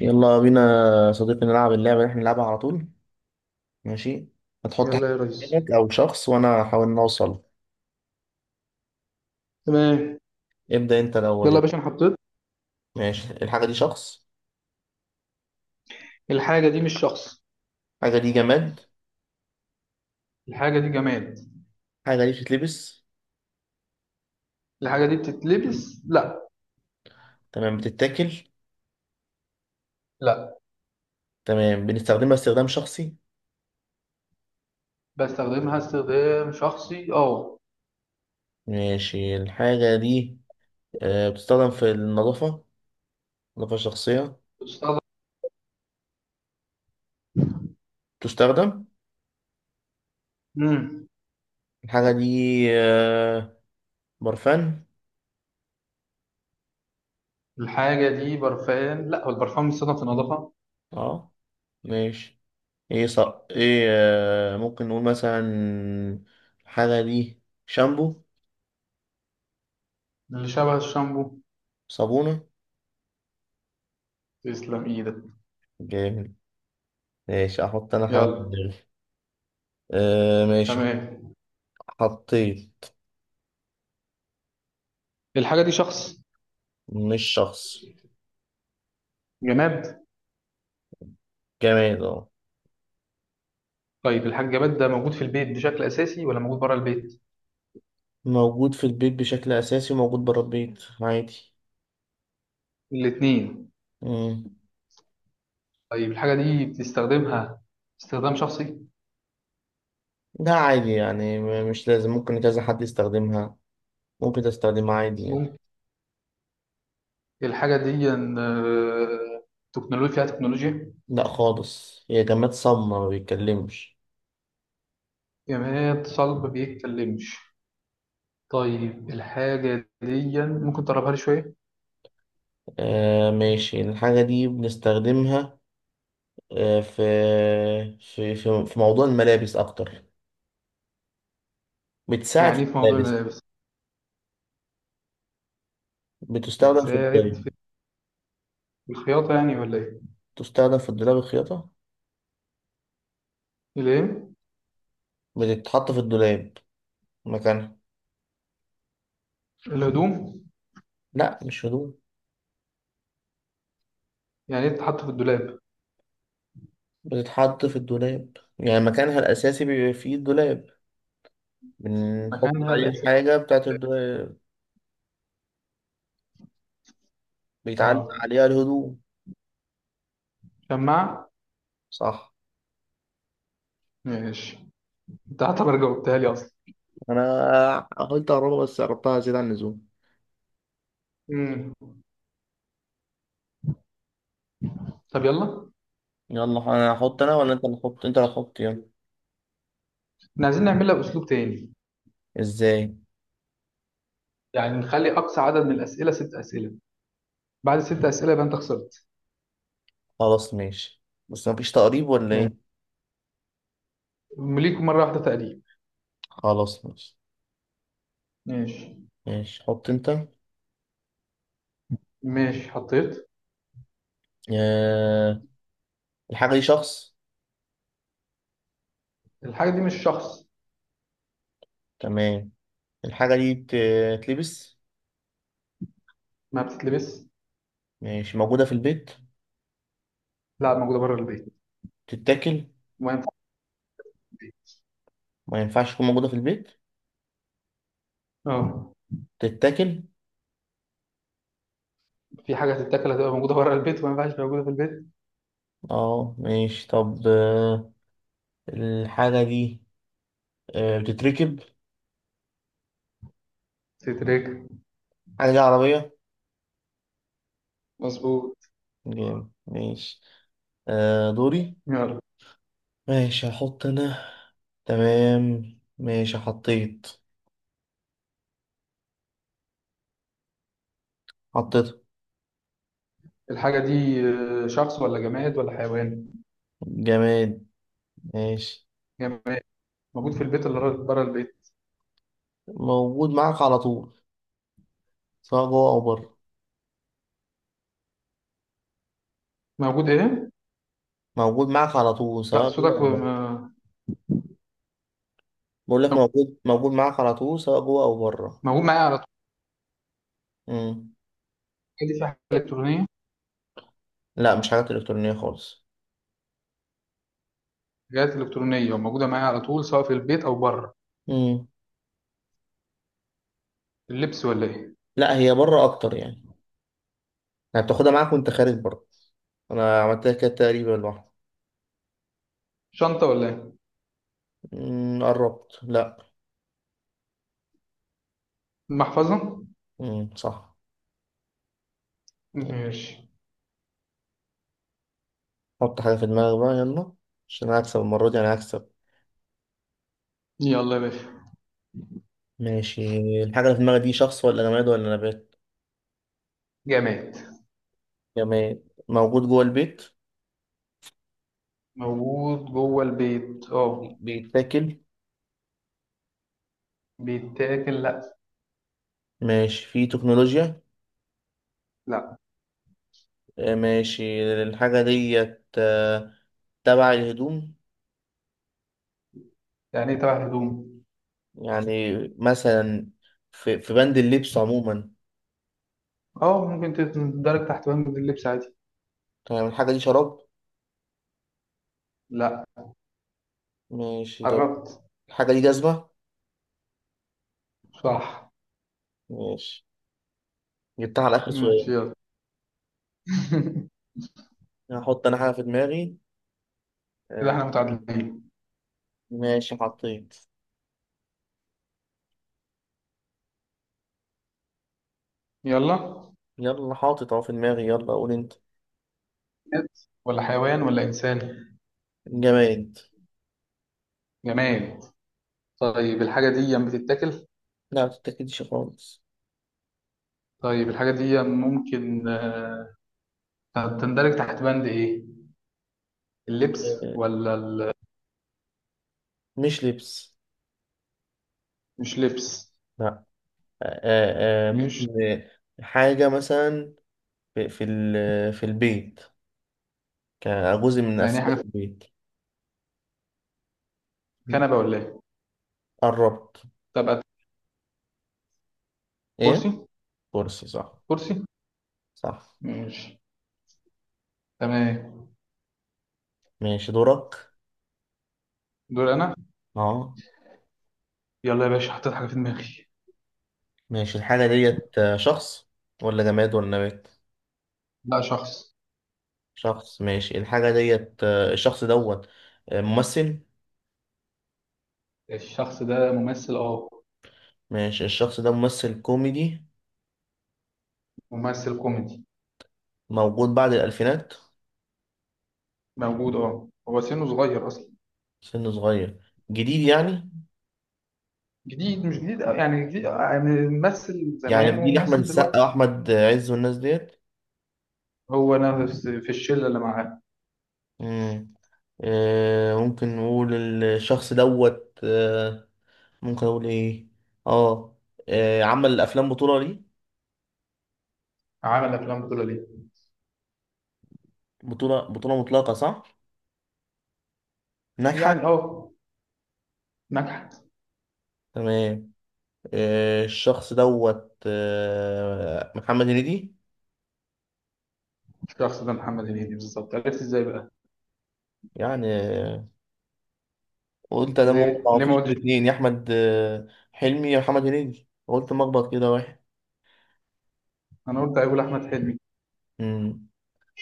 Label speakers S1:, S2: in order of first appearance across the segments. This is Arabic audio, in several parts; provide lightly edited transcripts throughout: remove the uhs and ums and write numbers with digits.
S1: يلا بينا يا صديقي نلعب اللعبة اللي احنا بنلعبها على طول. ماشي. هتحط حاجة
S2: يلا يا
S1: في
S2: ريس.
S1: دماغك أو شخص وأنا هحاول إن أوصل.
S2: تمام.
S1: ابدأ أنت الأول
S2: يلا يا
S1: يلا.
S2: باشا انا حطيت.
S1: ماشي الحاجة دي شخص.
S2: الحاجه دي مش شخص.
S1: الحاجة دي جماد.
S2: الحاجه دي جماد.
S1: الحاجة دي بتتلبس.
S2: الحاجه دي بتتلبس لا.
S1: تمام بتتاكل.
S2: لا.
S1: تمام بنستخدمها استخدام شخصي.
S2: بستخدمها استخدام شخصي اه.
S1: ماشي الحاجة دي بتستخدم في النظافة، النظافة الشخصية.
S2: بتستخدم.
S1: بتستخدم.
S2: امم
S1: الحاجة دي آه، برفان.
S2: الحاجه دي برفان لا، هو البرفان بيستخدم في النظافه.
S1: اه ماشي. ايه صح ايه، ممكن نقول مثلا الحاجة دي شامبو.
S2: اللي شبه الشامبو.
S1: صابونة.
S2: تسلم ايدك.
S1: جامد ماشي. احط انا حاجة في
S2: يلا.
S1: دماغي. آه ماشي.
S2: تمام.
S1: حطيت.
S2: الحاجه دي شخص.
S1: مش شخص.
S2: جماد.
S1: جماد اه.
S2: طيب الحاجه الجماد ده موجود في البيت بشكل اساسي ولا موجود بره البيت؟
S1: موجود في البيت بشكل اساسي وموجود بره البيت عادي.
S2: الاثنين.
S1: مم.
S2: طيب الحاجه دي بتستخدمها استخدام شخصي.
S1: ده عادي يعني، مش لازم، ممكن كذا حد يستخدمها، ممكن تستخدمها عادي يعني.
S2: الحاجة دي إن، آه، تكنولوجيا، فيها تكنولوجيا.
S1: لا خالص، هي جماد صم ما بيتكلمش.
S2: يعني هي صلب بيتكلمش. طيب الحاجة دي ممكن تقربها لي شوية.
S1: آه ماشي الحاجة دي بنستخدمها، آه، في في موضوع الملابس أكتر. بتساعد في
S2: يعني إيه في موضوع
S1: الملابس.
S2: الملابس؟
S1: بتستخدم في
S2: بتساعد
S1: الدولاب.
S2: في الخياطة يعني ولا إيه؟
S1: بتستخدم في الدولاب، الخياطة.
S2: الإيه؟
S1: بتتحط في الدولاب، مكانها.
S2: الهدوم.
S1: لا مش هدوم.
S2: يعني إيه تتحط في الدولاب؟
S1: بتتحط في الدولاب يعني مكانها الأساسي بيبقى فيه الدولاب. بنحط
S2: مكانها
S1: عليه
S2: الأساسي.
S1: الحاجة بتاعت الدولاب. بيتعلق
S2: اه،
S1: عليها الهدوم.
S2: شماعة.
S1: صح.
S2: ماشي. أنت هتعتبر جاوبتها لي أصلا.
S1: أنا قلت أقربها بس قربتها زيادة عن اللزوم.
S2: مم. طب يلا.
S1: يلا أنا هحط، أنا ولا أنت اللي هتحط؟ أنت اللي هتحط يلا.
S2: إحنا عايزين نعملها بأسلوب تاني.
S1: إزاي؟
S2: يعني نخلي أقصى عدد من الأسئلة ست أسئلة. بعد ست أسئلة يبقى أنت خسرت.
S1: خلاص ماشي. بس مفيش تقريب ولا إيه؟
S2: ماشي. ليك مرة واحدة تقريبا.
S1: خلاص ماشي.
S2: ماشي.
S1: ماشي حط انت.
S2: ماشي حطيت.
S1: آه. الحاجة دي شخص.
S2: الحاجة دي مش شخص.
S1: تمام. الحاجة دي تلبس.
S2: ما بتتلبس.
S1: ماشي موجودة في البيت.
S2: لا موجودة بره البيت
S1: تتاكل.
S2: وما ينفعش في البيت.
S1: ما ينفعش تكون موجودة في البيت.
S2: اه.
S1: تتاكل
S2: في حاجة تتاكل هتبقى موجودة بره البيت وما ينفعش موجودة في البيت.
S1: اه. ماشي طب، الحاجة دي بتتركب.
S2: تترك.
S1: الحاجة دي عربية.
S2: مظبوط.
S1: جامد ماشي. آه دوري.
S2: يلا.
S1: ماشي هحط انا. تمام ماشي حطيت. حطيت
S2: الحاجة دي شخص ولا جماد ولا حيوان؟
S1: جماد. ماشي
S2: جماد. موجود في البيت ولا بره البيت؟
S1: موجود معاك على طول سواء جوه او بره.
S2: موجود ايه؟
S1: موجود معاك على طول
S2: لا
S1: سواء جوه
S2: صوتك
S1: أو بره. بقول لك، موجود معاك على طول سواء جوه أو بره.
S2: موجود معايا على طول.
S1: مم.
S2: الحاجة دي فيها حاجة إلكترونية؟
S1: لا مش حاجات إلكترونية خالص.
S2: حاجات إلكترونية وموجودة معايا على طول سواء في البيت أو بره.
S1: مم.
S2: اللبس ولا ايه؟
S1: لا هي بره أكتر يعني، يعني بتاخدها معاك وأنت خارج بره. أنا عملتها كده تقريبا لوحدي.
S2: شنطة ولا ايه؟
S1: مم، قربت. لا.
S2: المحفظة.
S1: مم. صح.
S2: ماشي.
S1: حط حاجة في دماغك بقى يلا، عشان أنا هكسب المرة دي، أنا هكسب.
S2: يلا يا باشا.
S1: ماشي. الحاجة اللي في دماغك دي شخص ولا جماد ولا نبات؟
S2: جماد.
S1: جماد. موجود جوه البيت.
S2: موجود جوه البيت اه.
S1: بيتاكل.
S2: بيتاكل لا.
S1: ماشي فيه تكنولوجيا.
S2: لا.
S1: ماشي الحاجة ديت تبع الهدوم.
S2: يعني ايه تبع الهدوم؟
S1: يعني مثلا في بند اللبس عموما.
S2: اه ممكن تندرج تحت وهم اللبس عادي.
S1: تمام. الحاجة دي شراب.
S2: لا.
S1: ماشي طب.
S2: قربت.
S1: الحاجة دي جزمة.
S2: صح.
S1: ماشي. جبتها على آخر
S2: ماشي.
S1: سؤال.
S2: يلا.
S1: هحط أنا حاجة في دماغي.
S2: كده
S1: آه،
S2: احنا متعادلين.
S1: ماشي حطيت.
S2: يلا.
S1: يلا حاطط أهو في دماغي، يلا قول أنت.
S2: جماد ولا حيوان ولا انسان؟
S1: جماد.
S2: جماد. طيب الحاجه دي بتتاكل؟
S1: لا متتأكدش خالص.
S2: طيب الحاجه دي ممكن تندرج تحت بند ايه؟ اللبس
S1: آه،
S2: ولا ال...
S1: مش لبس.
S2: مش لبس.
S1: لا. ممكن
S2: مش
S1: حاجة مثلا في البيت، كان جزء من
S2: يعني إيه حاجه
S1: أسباب
S2: في.
S1: البيت. م.
S2: كنبه ولا ايه؟
S1: قربت.
S2: طب. كرسي.
S1: إيه؟ كرسي. صح.
S2: كرسي.
S1: صح.
S2: ماشي. تمام.
S1: ماشي دورك.
S2: دور انا.
S1: أه.
S2: يلا يا باشا حطيت حاجه في دماغي.
S1: ماشي الحاجة ديت شخص ولا جماد ولا نبات؟
S2: لا، شخص.
S1: شخص. ماشي الحاجة ديت الشخص دوت ممثل.
S2: الشخص ده ممثل اه.
S1: ماشي الشخص ده ممثل كوميدي.
S2: ممثل كوميدي.
S1: موجود بعد الألفينات.
S2: موجود اه، هو سنه صغير اصلا.
S1: سنه صغير جديد يعني.
S2: جديد مش جديد أوي، يعني جديد، يعني ممثل
S1: يعني في
S2: زمان
S1: جيل أحمد
S2: وممثل دلوقتي.
S1: السقا وأحمد عز والناس ديت.
S2: هو نفس في الشله اللي معاه.
S1: مم. ممكن نقول الشخص دوت، ممكن اقول ايه؟ اه. عمل افلام بطولة ليه.
S2: عمل افلام بطوله ليه.
S1: بطولة بطولة مطلقة صح. ناجحة.
S2: يعني اه، نجحت.
S1: تمام. الشخص دوت محمد هنيدي.
S2: الشخص ده محمد هنيدي بالظبط، عرفت ازاي بقى؟
S1: يعني قلت انا ما
S2: ليه
S1: ما
S2: ليه ما
S1: فيش
S2: قلتش؟
S1: غير اتنين، يا احمد حلمي يا محمد هنيدي، قلت مخبط كده واحد.
S2: انا قلت هيقول احمد حلمي.
S1: امم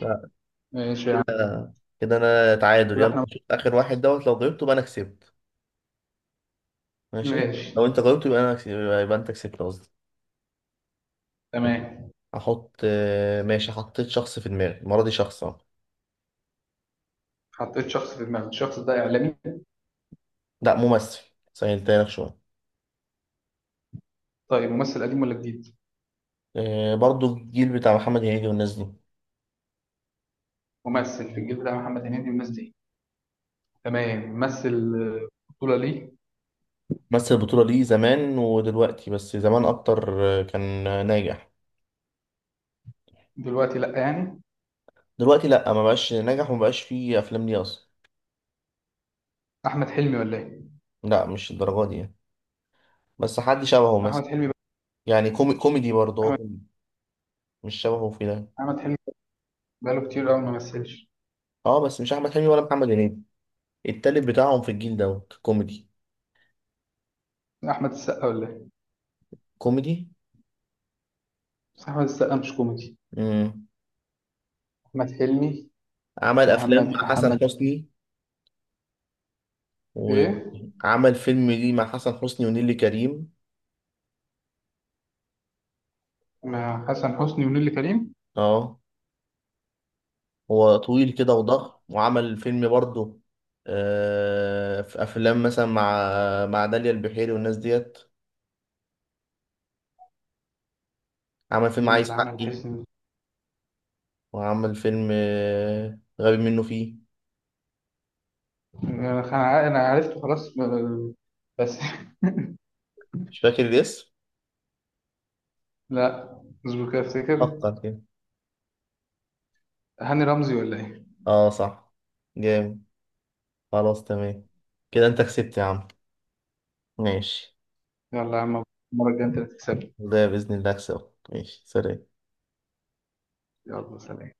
S1: لا.
S2: ماشي يا عم.
S1: كده. انا تعادل،
S2: قول
S1: يلا
S2: احمد.
S1: نشوف اخر واحد دوت، لو جاوبته يبقى انا كسبت. ماشي.
S2: ماشي.
S1: لو انت جاوبته يبقى انا كسبت. يبقى انت كسبت قصدي.
S2: تمام
S1: احط، ماشي حطيت شخص في دماغي المره دي، شخص اهو.
S2: حطيت شخص في دماغي. الشخص ده اعلامي؟
S1: لا ممثل. سهلتها لك شوية.
S2: طيب ممثل قديم ولا جديد؟
S1: برضو الجيل بتاع محمد هنيدي والناس دي.
S2: ممثل في الجيل بتاع محمد هنيدي والناس دي. تمام، ممثل، بطولة ليه.
S1: مثل البطولة دي زمان ودلوقتي بس زمان أكتر، كان ناجح.
S2: دلوقتي لا يعني.
S1: دلوقتي لأ، ما بقاش ناجح وما بقاش فيه أفلام ليه أصلا.
S2: أحمد حلمي ولا إيه؟
S1: لأ مش الدرجة دي يعني. بس حد شبهه مثلا.
S2: أحمد حلمي بقى.
S1: يعني كوميدي، برضه هو
S2: أحمد.
S1: كوميدي. مش شبهه في ده.
S2: أحمد حلمي بقاله كتير أوي ما مثلش.
S1: اه بس مش أحمد حلمي ولا محمد هنيدي. التالت بتاعهم في الجيل دوت كوميدي.
S2: أحمد السقا ولا إيه؟
S1: كوميدي.
S2: بس أحمد السقا مش كوميدي.
S1: مم.
S2: أحمد حلمي.
S1: عمل
S2: ومحمد
S1: أفلام مع حسن
S2: محمد.
S1: حسني،
S2: إيه؟
S1: وعمل فيلم ليه مع حسن حسني ونيلي كريم.
S2: مع حسن حسني ونيلي كريم.
S1: اه هو طويل كده وضخم وعمل فيلم برضه، في افلام مثلا مع داليا البحيري والناس ديت. عمل فيلم
S2: مين اللي
S1: عايز
S2: عمل
S1: حقي،
S2: حسن؟
S1: وعمل فيلم غبي منه فيه.
S2: أنا خ- أنا عرفته خلاص بس.
S1: مش فاكر الاسم.
S2: لا، اصبر كده أفتكر.
S1: فكر كده.
S2: هاني رمزي ولا إيه؟
S1: اه صح. جامد. خلاص تمام. كده انت كسبت يا عم. ماشي.
S2: يلا يا عم، المرة الجاية أنت اللي تكسب.
S1: ده بإذن الله اكسبك. ماشي سلام.
S2: يلا سلام.